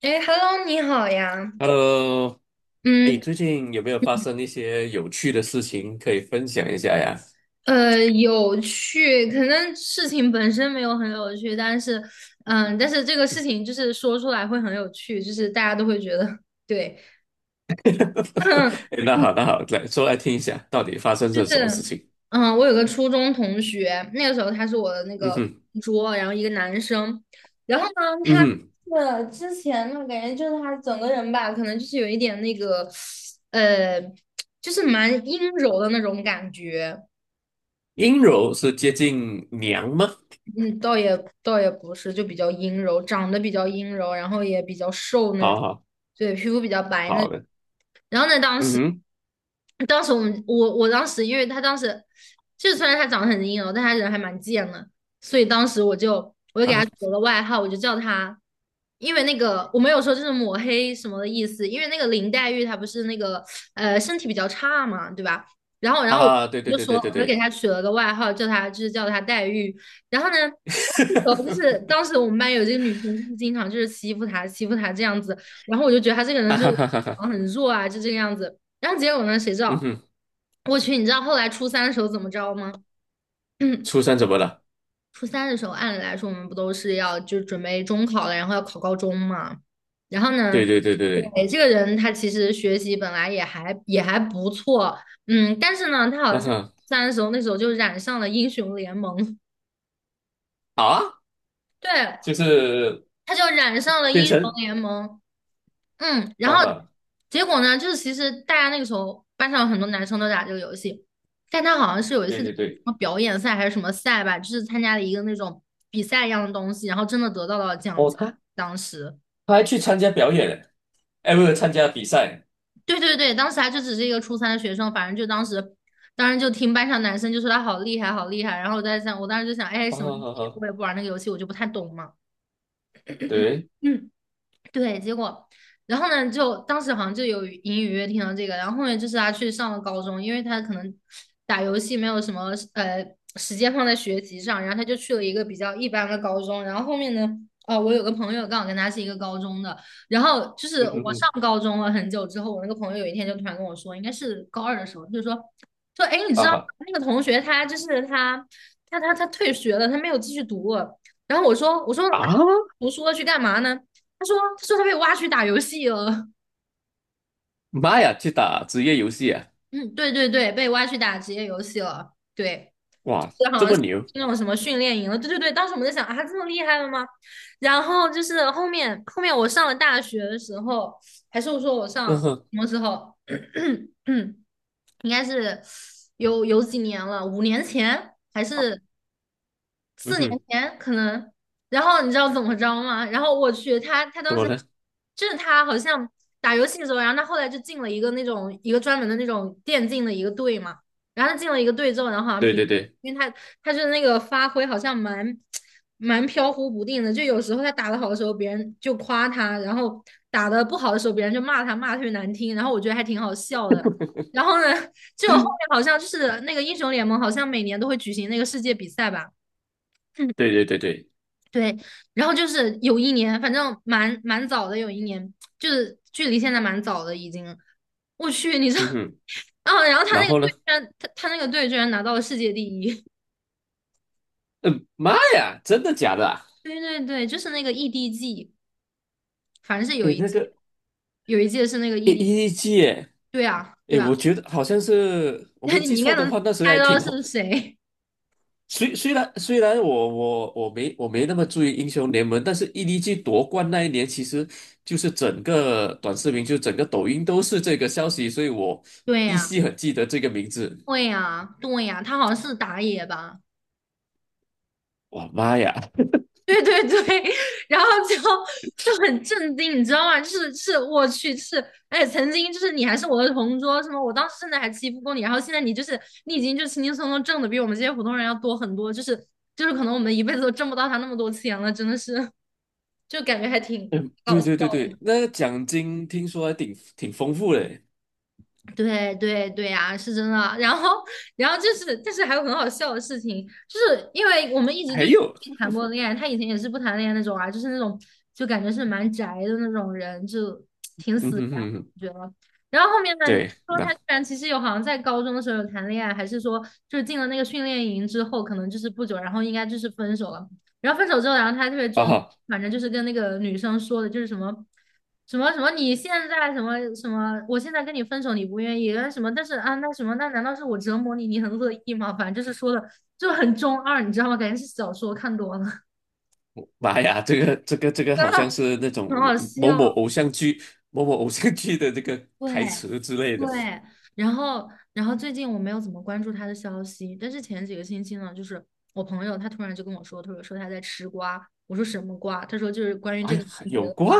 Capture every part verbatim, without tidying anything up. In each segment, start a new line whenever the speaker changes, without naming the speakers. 哎，Hello，你好呀。
Hello，哎，
嗯，
最近有没有发生一些有趣的事情可以分享一下呀？
呃，有趣，可能事情本身没有很有趣，但是，嗯，但是这个事情就是说出来会很有趣，就是大家都会觉得，对。
哎那好，那好，来说来听一下，到底发生
就
了什么事
是，
情？
嗯，我有个初中同学，那个时候他是我的那
嗯
个
哼，
桌，然后一个男生。然后呢，
嗯
他
哼，
是之前呢，感觉就是他整个人吧，可能就是有一点那个，呃，就是蛮阴柔的那种感觉。
阴柔是接近娘吗？
嗯，倒也倒也不是，就比较阴柔，长得比较阴柔，然后也比较瘦那
好
种，
好
对，皮肤比较白那
好
种。
的，
然后呢，当时
嗯
当时我们我我当时，因为他当时就是虽然他长得很阴柔，但他人还蛮贱的，所以当时我就我就给
哼，
他
啊
取了个外号，我就叫他，因为那个我没有说就是抹黑什么的意思，因为那个林黛玉她不是那个呃身体比较差嘛，对吧？然后然后我
啊，对对
就
对
说
对对
我就给
对，
他取了个外号，叫他就是叫他黛玉。然后呢，然后就是 当时我们班有这个女生，就是经常就是欺负她，欺负她这样子。然后我就觉得她这个人
哈
就
哈
是
哈哈哈，
啊很弱啊，就这个样子。然后结果呢，谁知
嗯
道？
哼，
我去，你知道后来初三的时候怎么着吗？
初三 怎么了？
初三的时候，按理来说我们不都是要就准备中考了，然后要考高中嘛。然后呢，
对对对对对，
对，这个人他其实学习本来也还也还不错。嗯，但是呢，他好像
啊
初
哈，
三的时候那时候就染上了英雄联盟。
好啊，
对。
就是
他就染上了
变
英雄
成
联盟。嗯，然
啊
后
哈，
结果呢，就是其实大家那个时候班上有很多男生都打这个游戏，但他好像是有一次
对
在
对
什
对，
么表演赛还是什么赛吧，就是参加了一个那种比赛一样的东西，然后真的得到了奖
哦，
金。
他
当时，
他还去参加表演了。哎，不是参加比赛，
对对对，当时他就只是一个初三的学生。反正就当时，当时就听班上男生就说他好厉害，好厉害，然后我在想，我当时就想，哎，
啊
什么意
哈
思？
哈
我也不玩那个游戏，我就不太懂嘛。
对，
嗯。对，结果，然后呢，就当时好像就有隐隐约约听到这个。然后后面就是他去上了高中，因为他可能打游戏没有什么呃时间放在学习上，然后他就去了一个比较一般的高中。然后后面呢，呃，我有个朋友刚好跟他是一个高中的。然后就是
嗯
我
哼哼，
上高中了很久之后，我那个朋友有一天就突然跟我说，应该是高二的时候，就说说，哎，你知
啊
道
哈
那个同学他就是他他他他退学了，他没有继续读了。然后我说我说
啊，
啊，读书了去干嘛呢？他说他说他被挖去打游戏了。
妈呀，去打职业游戏啊，
嗯，对对对，被挖去打职业游戏了。对，
哇，这么牛，
那种什么训练营了。对对对，当时我们在想啊，这么厉害了吗？然后就是后面后面我上了大学的时候，还是我说我上
嗯哼，
什么时候？嗯，应该是有有几年了，五年前还是。
嗯哼，
年可能。然后你知道怎么着吗？然后我去，他他
怎
当
么
时
了？
就是他好像打游戏的时候，然后他后来就进了一个那种一个专门的那种电竞的一个队嘛。然后他进了一个队之后，然后好像
对
平，
对对
因为他他就是那个发挥好像蛮蛮飘忽不定的，就有时候他打得好的时候，别人就夸他，然后打得不好的时候，别人就骂他，骂得特别难听。然后我觉得还挺好笑的。然后呢，就后面好像就是那个英雄联盟，好像每年都会举行那个世界比赛吧。
对对对对，
对。然后就是有一年，反正蛮蛮早的，有一年就是距离现在蛮早的已经。我去，你知道，
嗯哼，
然后然后他那
然
个
后
队居
呢？
然他他那个队居然拿到了世界第一。
嗯，妈呀，真的假的啊？
对对对，就是那个 E D G，反正是有
哎，
一
那
届
个
有一届是那个
A
E D。
E G，哎，
对啊，对
诶
啊。
我觉得好像是 我
那
没
你
记
应该
错的
能
话，那时候
猜
还
到
挺红
是谁。
虽虽然虽然我我我没我没那么注意英雄联盟，但是 E D G 夺冠那一年，其实就是整个短视频，就整个抖音都是这个消息，所以我
对
依
呀，
稀很记得这个名字。
对呀，对呀，他好像是打野吧？
哇妈呀！
对对对。然后就就很震惊，你知道吗？就是是我去，是哎，曾经就是你还是我的同桌，什么我当时甚至还欺负过你，然后现在你就是你已经就轻轻松松挣的比我们这些普通人要多很多，就是就是可能我们一辈子都挣不到他那么多钱了，真的是，就感觉还挺搞
对
笑。
对对对，那个奖金听说还挺挺丰富的。
对对对呀，是真的。然后，然后，就是，但是还有很好笑的事情，就是因为我们一直就
还
没
有，
谈过恋爱，他以前也是不谈恋爱那种啊，就是那种就感觉是蛮宅的那种人，就挺
嗯
死
哼
宅的，
哼哼，
我觉得。然后后面呢，
对，
说他
那
居然其实有好像在高中的时候有谈恋爱，还是说就是进了那个训练营之后，可能就是不久，然后应该就是分手了。然后分手之后，然后他还特别装，
哦，
反正就是跟那个女生说的，就是什么什么什么，你现在什么什么，我现在跟你分手，你不愿意，那什么，但是啊，那什么，那难道是我折磨你，你很乐意吗？反正就是说的就很中二，你知道吗？感觉是小说看多了。
妈呀，这个这个这个
真
好像
的
是那种
很好
某某
笑。
某偶像剧某某偶像剧的这个台
对，
词之类的。
对，然后，然后，最近我没有怎么关注他的消息，但是前几个星期呢，就是我朋友他突然就跟我说，他说说他在吃瓜。我说什么瓜？他说就是关于
哎
这
呀，
个同学
有
的
过
瓜。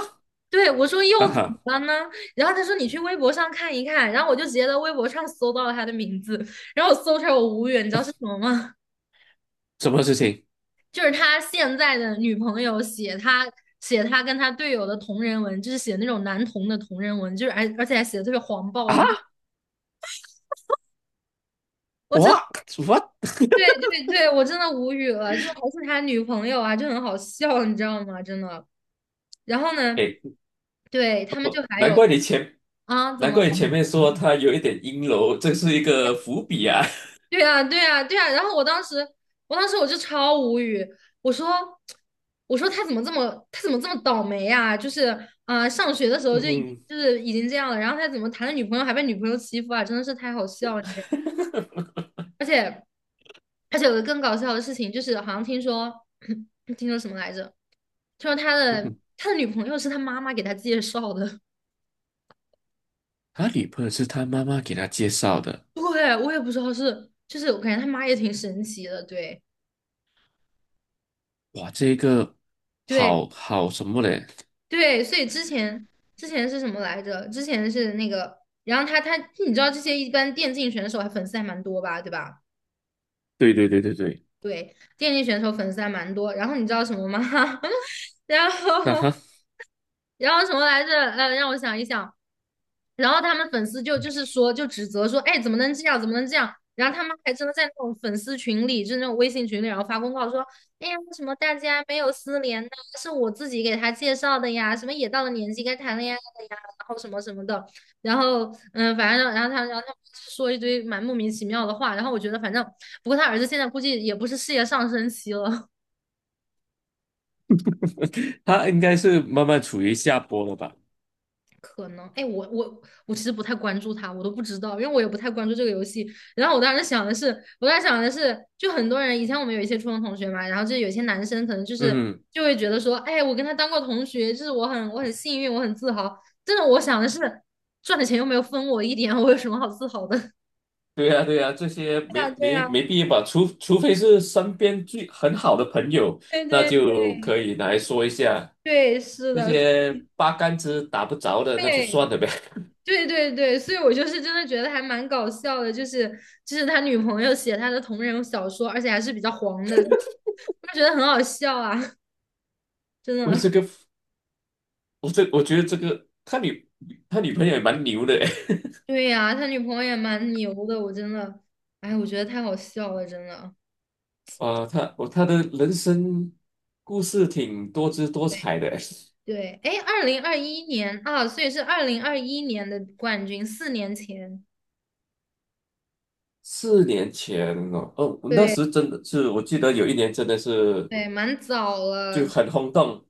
对，我说
啊
又怎
哈。
么了呢？然后他说你去微博上看一看，然后我就直接在微博上搜到了他的名字，然后我搜出来我无语，你知道是什么吗？
什么事情
就是他现在的女朋友写他写他跟他队友的同人文，就是写那种男同的同人文，就是而而且还写的特别黄暴的
啊？
那，我
w
真
what？h a t
对对对，我真的无语了，就还是他女朋友啊，就很好笑，你知道吗？真的。然后呢，
哎，
对，他们就还
难
有
怪你前
啊，怎
难
么
怪你
了？
前面说他有一点阴柔，这是一个伏笔啊。
对啊，对啊，对啊。然后我当时，我当时，我就超无语。我说，我说，他怎么这么，他怎么这么倒霉呀，就是啊，呃上学的时候
嗯
就已经
哼，
就是已经这样了，然后他怎么谈了女朋友还被女朋友欺负啊？真的是太好笑了，你知道吗？而且而且有个更搞笑的事情，就是好像听说，听说什么来着？听说他
嗯
的
哼，
他的女朋友是他妈妈给他介绍的。
他女朋友是他妈妈给他介绍的。
对，我也不知道是，就是我感觉他妈也挺神奇的。对，
哇，这个
对，
好好什么嘞？
对，所以之前之前是什么来着？之前是那个，然后他他你知道这些一般电竞选手还粉丝还蛮多吧，对吧？
对对对对对，
对，电竞选手粉丝还蛮多。然后你知道什么吗？然
那他
后然后什么来着？呃，让我想一想。然后他们粉丝就就是说就指责说，哎，怎么能这样，怎么能这样？然后他们还真的在那种粉丝群里，就是那种微信群里，然后发公告说，哎呀，为什么大家没有私联呢？是我自己给他介绍的呀，什么也到了年纪该谈恋爱了呀，然后什么什么的，然后嗯，反正然后他然后他们说一堆蛮莫名其妙的话，然后我觉得反正不过他儿子现在估计也不是事业上升期了，
他应该是慢慢处于下坡了吧？
可能，哎，我我我其实不太关注他，我都不知道，因为我也不太关注这个游戏。然后我当时想的是，我当时想的是，就很多人以前我们有一些初中同学嘛，然后就有些男生可能就是
嗯，
就会觉得说，哎，我跟他当过同学，就是我很我很幸运，我很自豪。真的，我想的是，赚的钱又没有分我一点，我有什么好自豪的？
对呀对呀，这些
对呀，
没
对
没
呀，
没必要吧？除除非是身边最很好的朋友，
对
那
对对
就可以拿来说一下。
对，是
那
的，
些八竿子打不着的，那就
对。
算了呗。
对对对，所以我就是真的觉得还蛮搞笑的，就是就是他女朋友写他的同人小说，而且还是比较黄的，我就觉得很好笑啊，真
我
的。
这个，我这，我觉得这个他女他女朋友也蛮牛的诶，
对呀、他女朋友也蛮牛的，我真的，哎，我觉得太好笑了，真的。
啊、他我他的人生故事挺多姿多彩的诶。
对，哎，二零二一年啊，所以是二零二一年的冠军，四年前。
四年前哦，哦，那
对
时真的是，我记得有一年真的是
对，蛮早
就
了。
很轰动，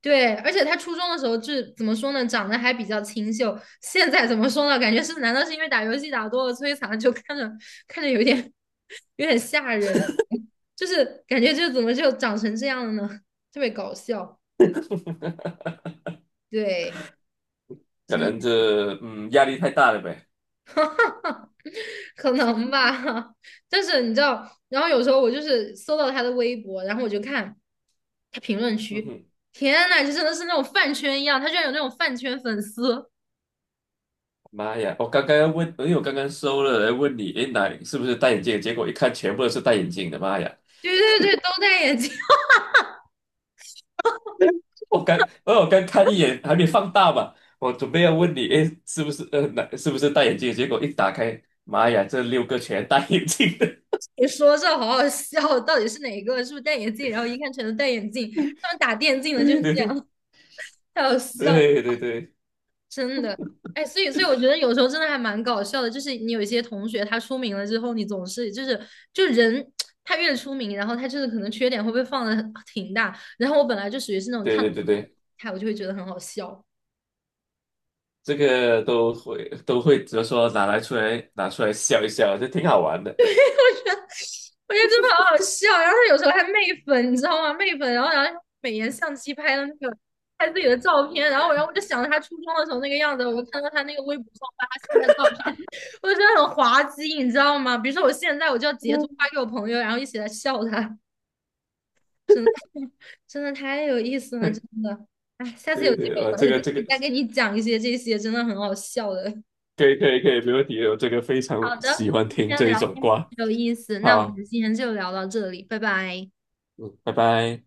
对，而且他初中的时候就是怎么说呢，长得还比较清秀。现在怎么说呢？感觉是，难道是因为打游戏打多了摧残了，就看着看着有点有点吓人，就是感觉就怎么就长成这样了呢？特别搞笑，对，
可
真
能
的，
这嗯压力太大了呗。
可能吧。但是你知道，然后有时候我就是搜到他的微博，然后我就看他评论
嗯
区，
哼，
天呐，就真的是那种饭圈一样，他居然有那种饭圈粉丝，
妈呀！我刚刚要问，因为我刚刚收了来问你，诶，哪是不是戴眼镜？结果一看全部都是戴眼镜的，妈呀！
对对对，都戴眼镜。
我刚，呃我有刚看一眼，还没放大嘛。我准备要问你，诶，是不是呃，哪是不是戴眼镜？结果一打开，妈呀，这六个全戴眼镜的。
你说这好好笑，到底是哪个？是不是戴眼镜？然后一看全都戴眼镜，他们打电竞的就
对
是
对
这
对
样，太好笑了，
对对对
真的。哎，所以所以我觉得有时候真的还蛮搞笑的，就是你有一些同学他出名了之后，你总是就是就人他越出名，然后他就是可能缺点会被放的挺大，然后我本来就属于是那种
对
看
对
不惯
对对，
的，我就会觉得很好笑。
这个都会都会，只是说拿来出来拿出来笑一笑，这挺好玩的。
我觉得真的好好笑。然后他有时候还媚粉，你知道吗？媚粉，然后然后美颜相机拍的那个拍自己的照片，然后然后我就想着他初中的时候那个样子，我就看到他那个微博上发他现在的照片，我就觉得很滑稽，你知道吗？比如说我现在我就要截图发给我朋友，然后一起来笑他，真的 真的太有意思了，真 的。哎，下次有
对
机
对，我
会我
这
再
个这个
再跟你讲一些这些真的很好笑的。
可以可以可以，没问题，我这个非常
好
喜
的，
欢
今
听
天
这一
聊
种
天
瓜。
有意思，那我
好，
们今天就聊到这里，拜拜。
嗯，拜拜。